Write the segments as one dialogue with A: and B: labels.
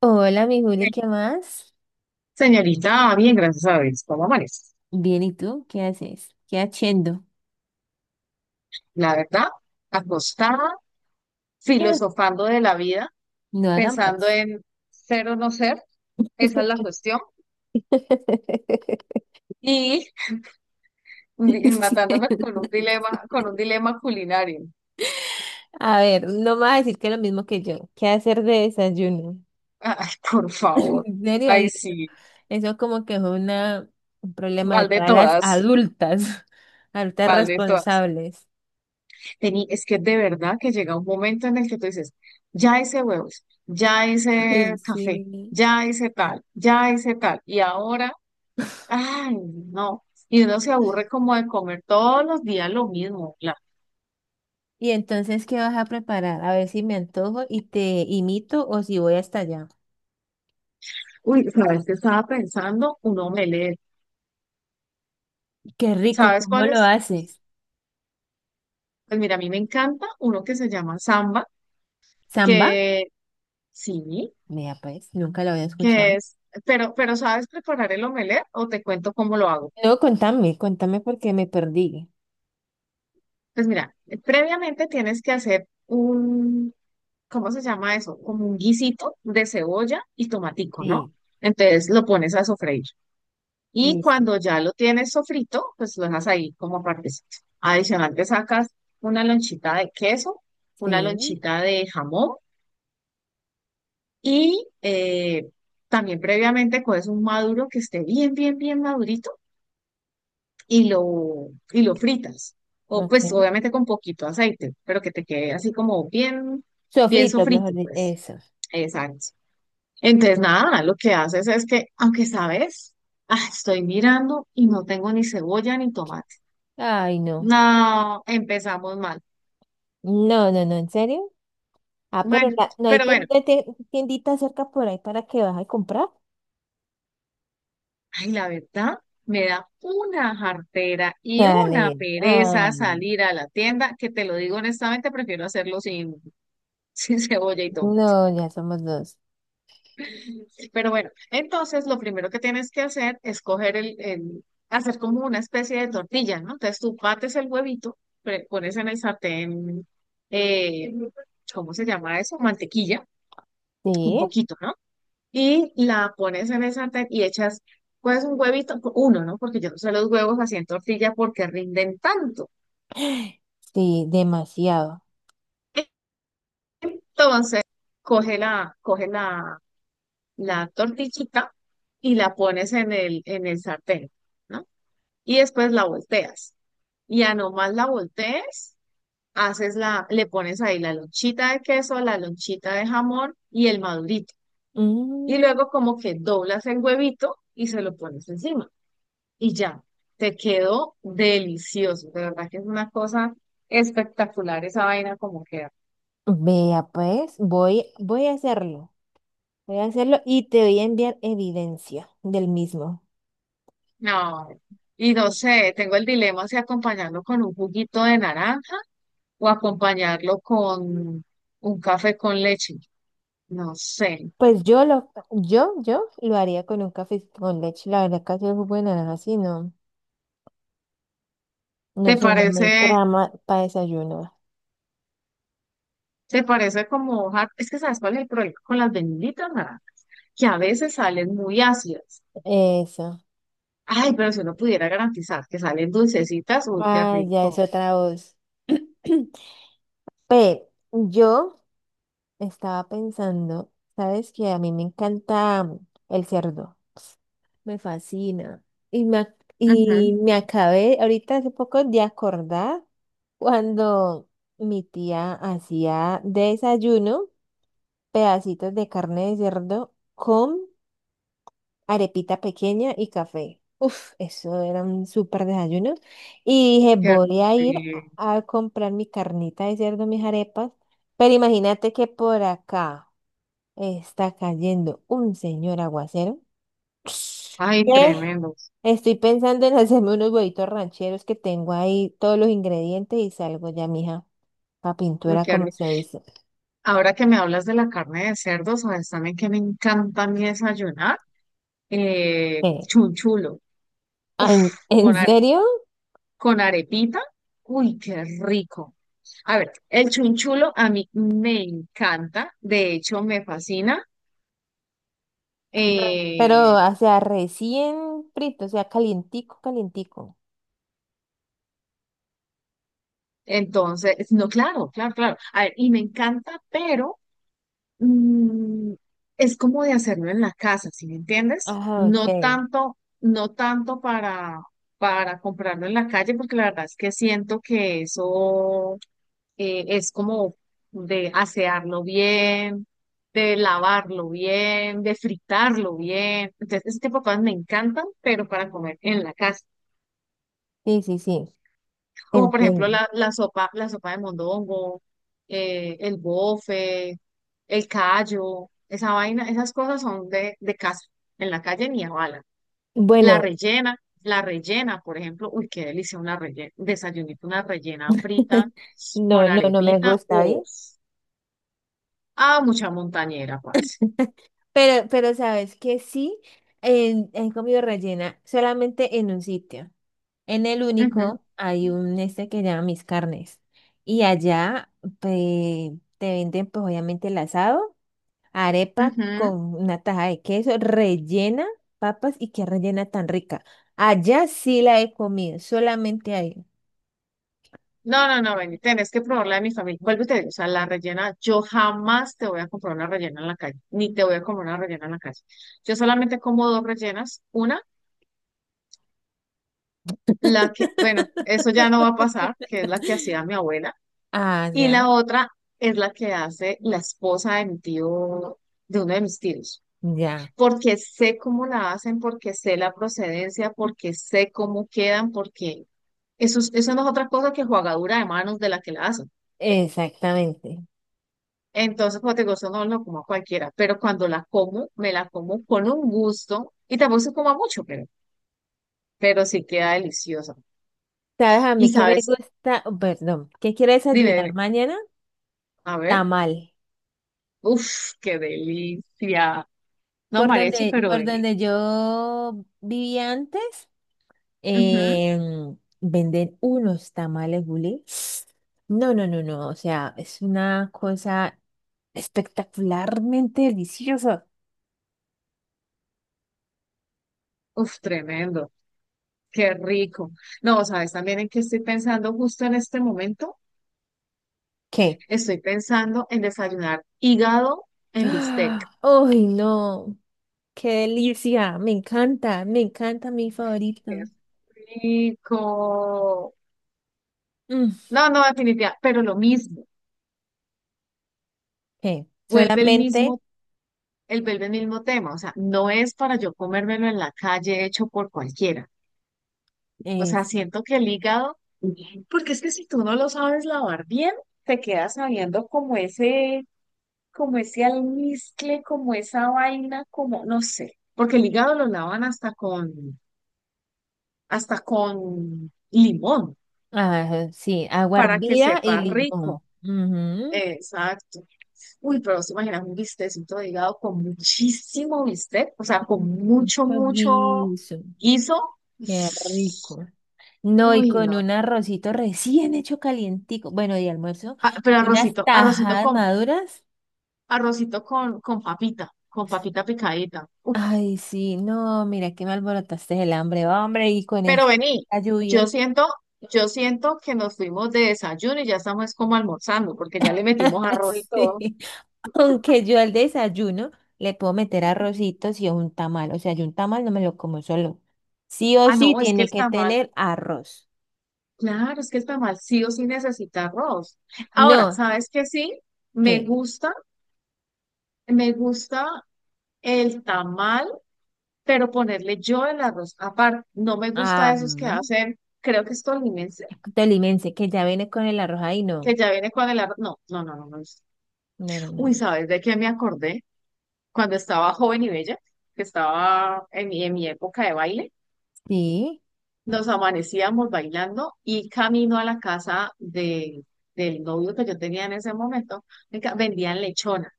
A: Hola, mi Juli,
B: Sí.
A: ¿qué más?
B: Señorita, bien, gracias a Dios. ¿Cómo amanece?
A: Bien, ¿y tú qué haces? ¿Qué haciendo?
B: La verdad, acostada, filosofando de la vida,
A: No haga
B: pensando
A: más.
B: en ser o no ser, esa es la cuestión, y matándome con un dilema culinario.
A: A ver, no me vas a decir que es lo mismo que yo. ¿Qué hacer de desayuno?
B: Ay, por favor.
A: En serio,
B: Ay,
A: y
B: sí,
A: eso como que fue una, un problema de
B: mal de
A: todas las
B: todas,
A: adultas, adultas
B: mal de todas.
A: responsables.
B: Es que de verdad que llega un momento en el que tú dices, ya hice huevos, ya
A: Ay,
B: hice café,
A: sí.
B: ya hice tal, y ahora, ay, no. Y uno se aburre como de comer todos los días lo mismo. Claro.
A: Y entonces, ¿qué vas a preparar? A ver si me antojo y te imito o si voy hasta allá.
B: Uy, ¿sabes qué estaba pensando? Un omelette.
A: Qué rico,
B: ¿Sabes
A: ¿cómo
B: cuál
A: lo
B: es?
A: haces?
B: Pues mira, a mí me encanta uno que se llama samba,
A: Samba.
B: que sí,
A: Mira, pues, nunca lo había
B: que
A: escuchado.
B: es, pero ¿sabes preparar el omelette o te cuento cómo lo hago?
A: No, contame, contame porque me perdí.
B: Pues mira, previamente tienes que hacer un, ¿cómo se llama eso? Como un guisito de cebolla y tomatico, ¿no?
A: Sí,
B: Entonces lo pones a sofreír. Y
A: listo.
B: cuando ya lo tienes sofrito, pues lo dejas ahí como partecito. Adicional, te sacas una lonchita de queso, una
A: Sí,
B: lonchita de jamón y también previamente coges un maduro que esté bien, bien, bien madurito y lo fritas. O pues
A: ok.
B: obviamente con poquito aceite, pero que te quede así como bien, bien
A: Sofrito, mejor
B: sofrito,
A: dicho,
B: pues.
A: eso.
B: Exacto. Entonces, nada, lo que haces es que, aunque sabes, ah, estoy mirando y no tengo ni cebolla ni tomate.
A: Ay, no.
B: No, empezamos mal.
A: No, no, no, ¿en serio? Ah, pero
B: Bueno,
A: la- no hay
B: pero
A: ten-
B: bueno,
A: te- tiendita cerca por ahí para que vas a comprar.
B: ay, la verdad, me da una jartera y una
A: Dale.
B: pereza
A: Ay,
B: salir a la tienda, que te lo digo honestamente, prefiero hacerlo sin, sin cebolla y todo.
A: no, ya somos dos.
B: Pero bueno, entonces lo primero que tienes que hacer es coger hacer como una especie de tortilla, ¿no? Entonces tú bates el huevito, pones en el sartén, eh, ¿cómo se llama eso? Mantequilla, un
A: Sí,
B: poquito, ¿no? Y la pones en el sartén y echas pues un huevito, uno, ¿no? Porque yo no sé los huevos así en tortilla porque rinden tanto.
A: sí, demasiado.
B: Entonces, coge la tortillita y la pones en el sartén, ¿no? Y después la volteas. Y a nomás la voltees, le pones ahí la lonchita de queso, la lonchita de jamón y el madurito. Y
A: Mm,
B: luego como que doblas el huevito y se lo pones encima. Y ya, te quedó delicioso. De verdad que es una cosa espectacular esa vaina como queda.
A: vea, pues, voy a hacerlo. Voy a hacerlo y te voy a enviar evidencia del mismo.
B: No, y no sé, tengo el dilema si acompañarlo con un juguito de naranja o acompañarlo con un café con leche. No sé.
A: Pues yo lo haría con un café con leche. La verdad, casi es buena, así no. No
B: ¿Te
A: sé, no me
B: parece,
A: trama para desayuno.
B: ¿te parece como hoja? Es que ¿sabes cuál es el problema con las benditas naranjas? Que a veces salen muy ácidas.
A: Eso.
B: Ay, pero si uno pudiera garantizar que salen dulcecitas, uy, qué
A: Ah, ya es
B: rico.
A: otra voz. Pero yo estaba pensando, sabes que a mí me encanta el cerdo. Me fascina. Y
B: Ujú,
A: me acabé ahorita hace poco de acordar cuando mi tía hacía desayuno. Pedacitos de carne de cerdo con arepita pequeña y café. Uf, eso era un súper desayuno. Y dije,
B: qué
A: voy a
B: rico.
A: a comprar mi carnita de cerdo, mis arepas. Pero imagínate que por acá está cayendo un señor aguacero.
B: Ay,
A: que
B: tremendo.
A: Estoy pensando en hacerme unos huevitos rancheros que tengo ahí todos los ingredientes y salgo ya, mija, a
B: Uy,
A: pintura,
B: qué rico.
A: como se dice.
B: Ahora que me hablas de la carne de cerdo, sabes también que me encanta a mí desayunar.
A: ¿Qué?
B: Chunchulo. Uf,
A: En
B: con, are-
A: serio?
B: con arepita. Uy, qué rico. A ver, el chunchulo a mí me encanta. De hecho, me fascina.
A: Pero,
B: Eh,
A: o sea, recién frito, o sea, calientico, calientico.
B: entonces, no, claro, claro, claro. A ver, y me encanta, pero mm, es como de hacerlo en la casa, ¿sí me entiendes?
A: Ajá,
B: No
A: ok.
B: tanto, no tanto para, para comprarlo en la calle, porque la verdad es que siento que eso es como de asearlo bien, de lavarlo bien, de fritarlo bien. Entonces, ese tipo de cosas me encantan, pero para comer en la casa
A: Sí, sí, sí,
B: como por ejemplo
A: entiendo.
B: la sopa, la sopa de mondongo, el bofe, el callo, esa vaina, esas cosas son de casa, en la calle ni a bala. La
A: Bueno,
B: rellena, la rellena por ejemplo, uy, qué delicia una rellena, desayunito, una rellena frita con
A: no, no, no me
B: arepita,
A: gusta,
B: o
A: ¿bien?
B: ah, mucha montañera, parce.
A: Pero sabes que sí, en comida rellena, solamente en un sitio. En el
B: Ujú,
A: único hay un este que llama Mis Carnes. Y allá te venden, pues, obviamente el asado. Arepa
B: ujú.
A: con una taja de queso rellena, papas y qué rellena tan rica. Allá sí la he comido, solamente ahí.
B: No, no, no, Benny, tenés que probar la de mi familia. Vuelvo y te digo, o sea, la rellena, yo jamás te voy a comprar una rellena en la calle, ni te voy a comer una rellena en la calle. Yo solamente como dos rellenas, una, la que, bueno, eso ya no va a pasar, que es la que hacía mi abuela, y la
A: Allá,
B: otra es la que hace la esposa de mi tío, de uno de mis tíos,
A: ya, ya,
B: porque sé cómo la hacen, porque sé la procedencia, porque sé cómo quedan, porque eso, eso no es otra cosa que jugadura de manos de la que la hacen.
A: exactamente.
B: Entonces, como te digo, eso no lo como a cualquiera, pero cuando la como, me la como con un gusto y tampoco se coma mucho, pero sí queda deliciosa.
A: ¿Sabes a
B: Y
A: mí que me
B: sabes,
A: gusta? Oh, perdón, ¿qué quiero
B: dime,
A: desayunar
B: dime,
A: mañana?
B: a ver,
A: Tamal.
B: uff, qué delicia. No, mariachi, pero
A: Por
B: vení.
A: donde yo vivía antes,
B: Ujú,
A: Venden unos tamales bulé. No, no, no, no. O sea, es una cosa espectacularmente deliciosa.
B: uf, tremendo, qué rico. No, sabes también en qué estoy pensando justo en este momento.
A: ¿Qué?
B: Estoy pensando en desayunar hígado en bistec.
A: ¡Ah! ¡Ay, no! ¡Qué delicia! Me encanta mi
B: Qué
A: favorito.
B: rico.
A: Mm.
B: No, no, definitivamente, pero lo mismo
A: ¿Qué?
B: vuelve el
A: Solamente
B: mismo vuelve el mismo tema, o sea, no es para yo comérmelo en la calle hecho por cualquiera. O sea,
A: es,
B: siento que el hígado, porque es que si tú no lo sabes lavar bien, te quedas sabiendo como ese almizcle, como esa vaina, como, no sé, porque el hígado lo lavan hasta con limón,
A: ah, sí, agua
B: para que
A: hervida y
B: sepa
A: limón.
B: rico.
A: Ujú.
B: Exacto. Uy, pero se imaginas un bistecito de hígado con muchísimo bistec, o sea, con
A: Un
B: mucho, mucho
A: juguito.
B: guiso.
A: Qué rico. No, y
B: Uy,
A: con
B: no.
A: un arrocito recién hecho calientico, bueno, de almuerzo,
B: Ah, pero
A: y unas
B: arrocito,
A: tajadas maduras.
B: arrocito con papita picadita. Uf,
A: Ay, sí, no, mira que me alborotaste el hambre, hombre, y con
B: pero
A: esta
B: vení, yo
A: lluvia.
B: siento, yo siento que nos fuimos de desayuno y ya estamos como almorzando, porque ya le metimos arroz y
A: Sí,
B: todo.
A: aunque yo al desayuno le puedo meter arrocitos y un tamal, o sea, yo un tamal no me lo como solo. Sí o
B: Ah,
A: sí
B: no, es que el
A: tiene que
B: tamal,
A: tener arroz.
B: claro, es que el tamal sí o sí necesita arroz. Ahora,
A: No,
B: ¿sabes qué sí?
A: qué
B: Me gusta, me gusta el tamal, pero ponerle yo el arroz. Aparte, no me
A: ah,
B: gusta esos que hacen, creo que es tolimense,
A: tolimense, que ya viene con el arroz ahí, no.
B: que ya viene con el arroz. No, no, no, no me gusta.
A: No, no, no,
B: Uy,
A: no.
B: ¿sabes de qué me acordé? Cuando estaba joven y bella, que estaba en mi época de baile,
A: Sí.
B: nos amanecíamos bailando y camino a la casa de, del novio que yo tenía en ese momento, venga, vendían lechona.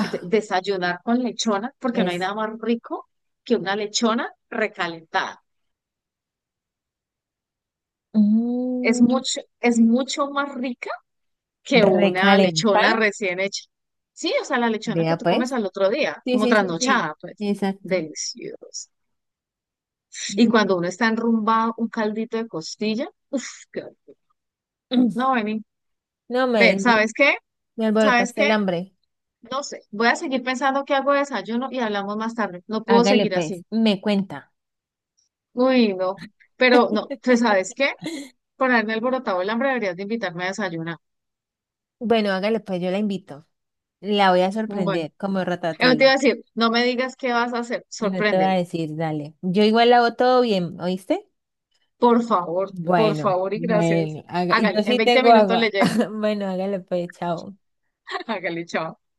B: Desayunar con lechona, porque no hay
A: es
B: nada más rico que una lechona recalentada. Es
A: mm,
B: mucho, es mucho más rica que una
A: recalentar,
B: lechona recién hecha. Sí, o sea, la lechona que
A: vea
B: tú comes
A: pues.
B: al otro día,
A: Sí,
B: como
A: sí, sí, sí.
B: trasnochada, pues,
A: Exacto.
B: deliciosa. Y
A: Mm.
B: cuando uno está enrumbado, un caldito de costilla, uff, qué rico. No, vení.
A: No
B: Ve,
A: me,
B: ¿sabes qué?
A: me
B: ¿Sabes
A: alborotaste el
B: qué?
A: hambre.
B: No sé, voy a seguir pensando que hago de desayuno y hablamos más tarde. No puedo
A: Hágale
B: seguir
A: pues,
B: así.
A: me cuenta.
B: Uy, no. Pero no, pues, ¿sabes qué? Por haberme alborotado el hambre, deberías de invitarme a desayunar.
A: Bueno, hágale pues, yo la invito. La voy a
B: Mm, bueno,
A: sorprender como
B: eso te
A: Ratatouille.
B: iba a decir, no me digas qué vas a hacer,
A: No te va a
B: sorpréndeme.
A: decir, dale. Yo igual la hago todo bien, ¿oíste?
B: Por
A: Bueno,
B: favor y gracias.
A: bueno, y
B: Hágale,
A: yo
B: en
A: sí
B: 20
A: tengo
B: minutos le
A: agua.
B: llego.
A: Bueno, hágale pues, chao.
B: Hágale, chao.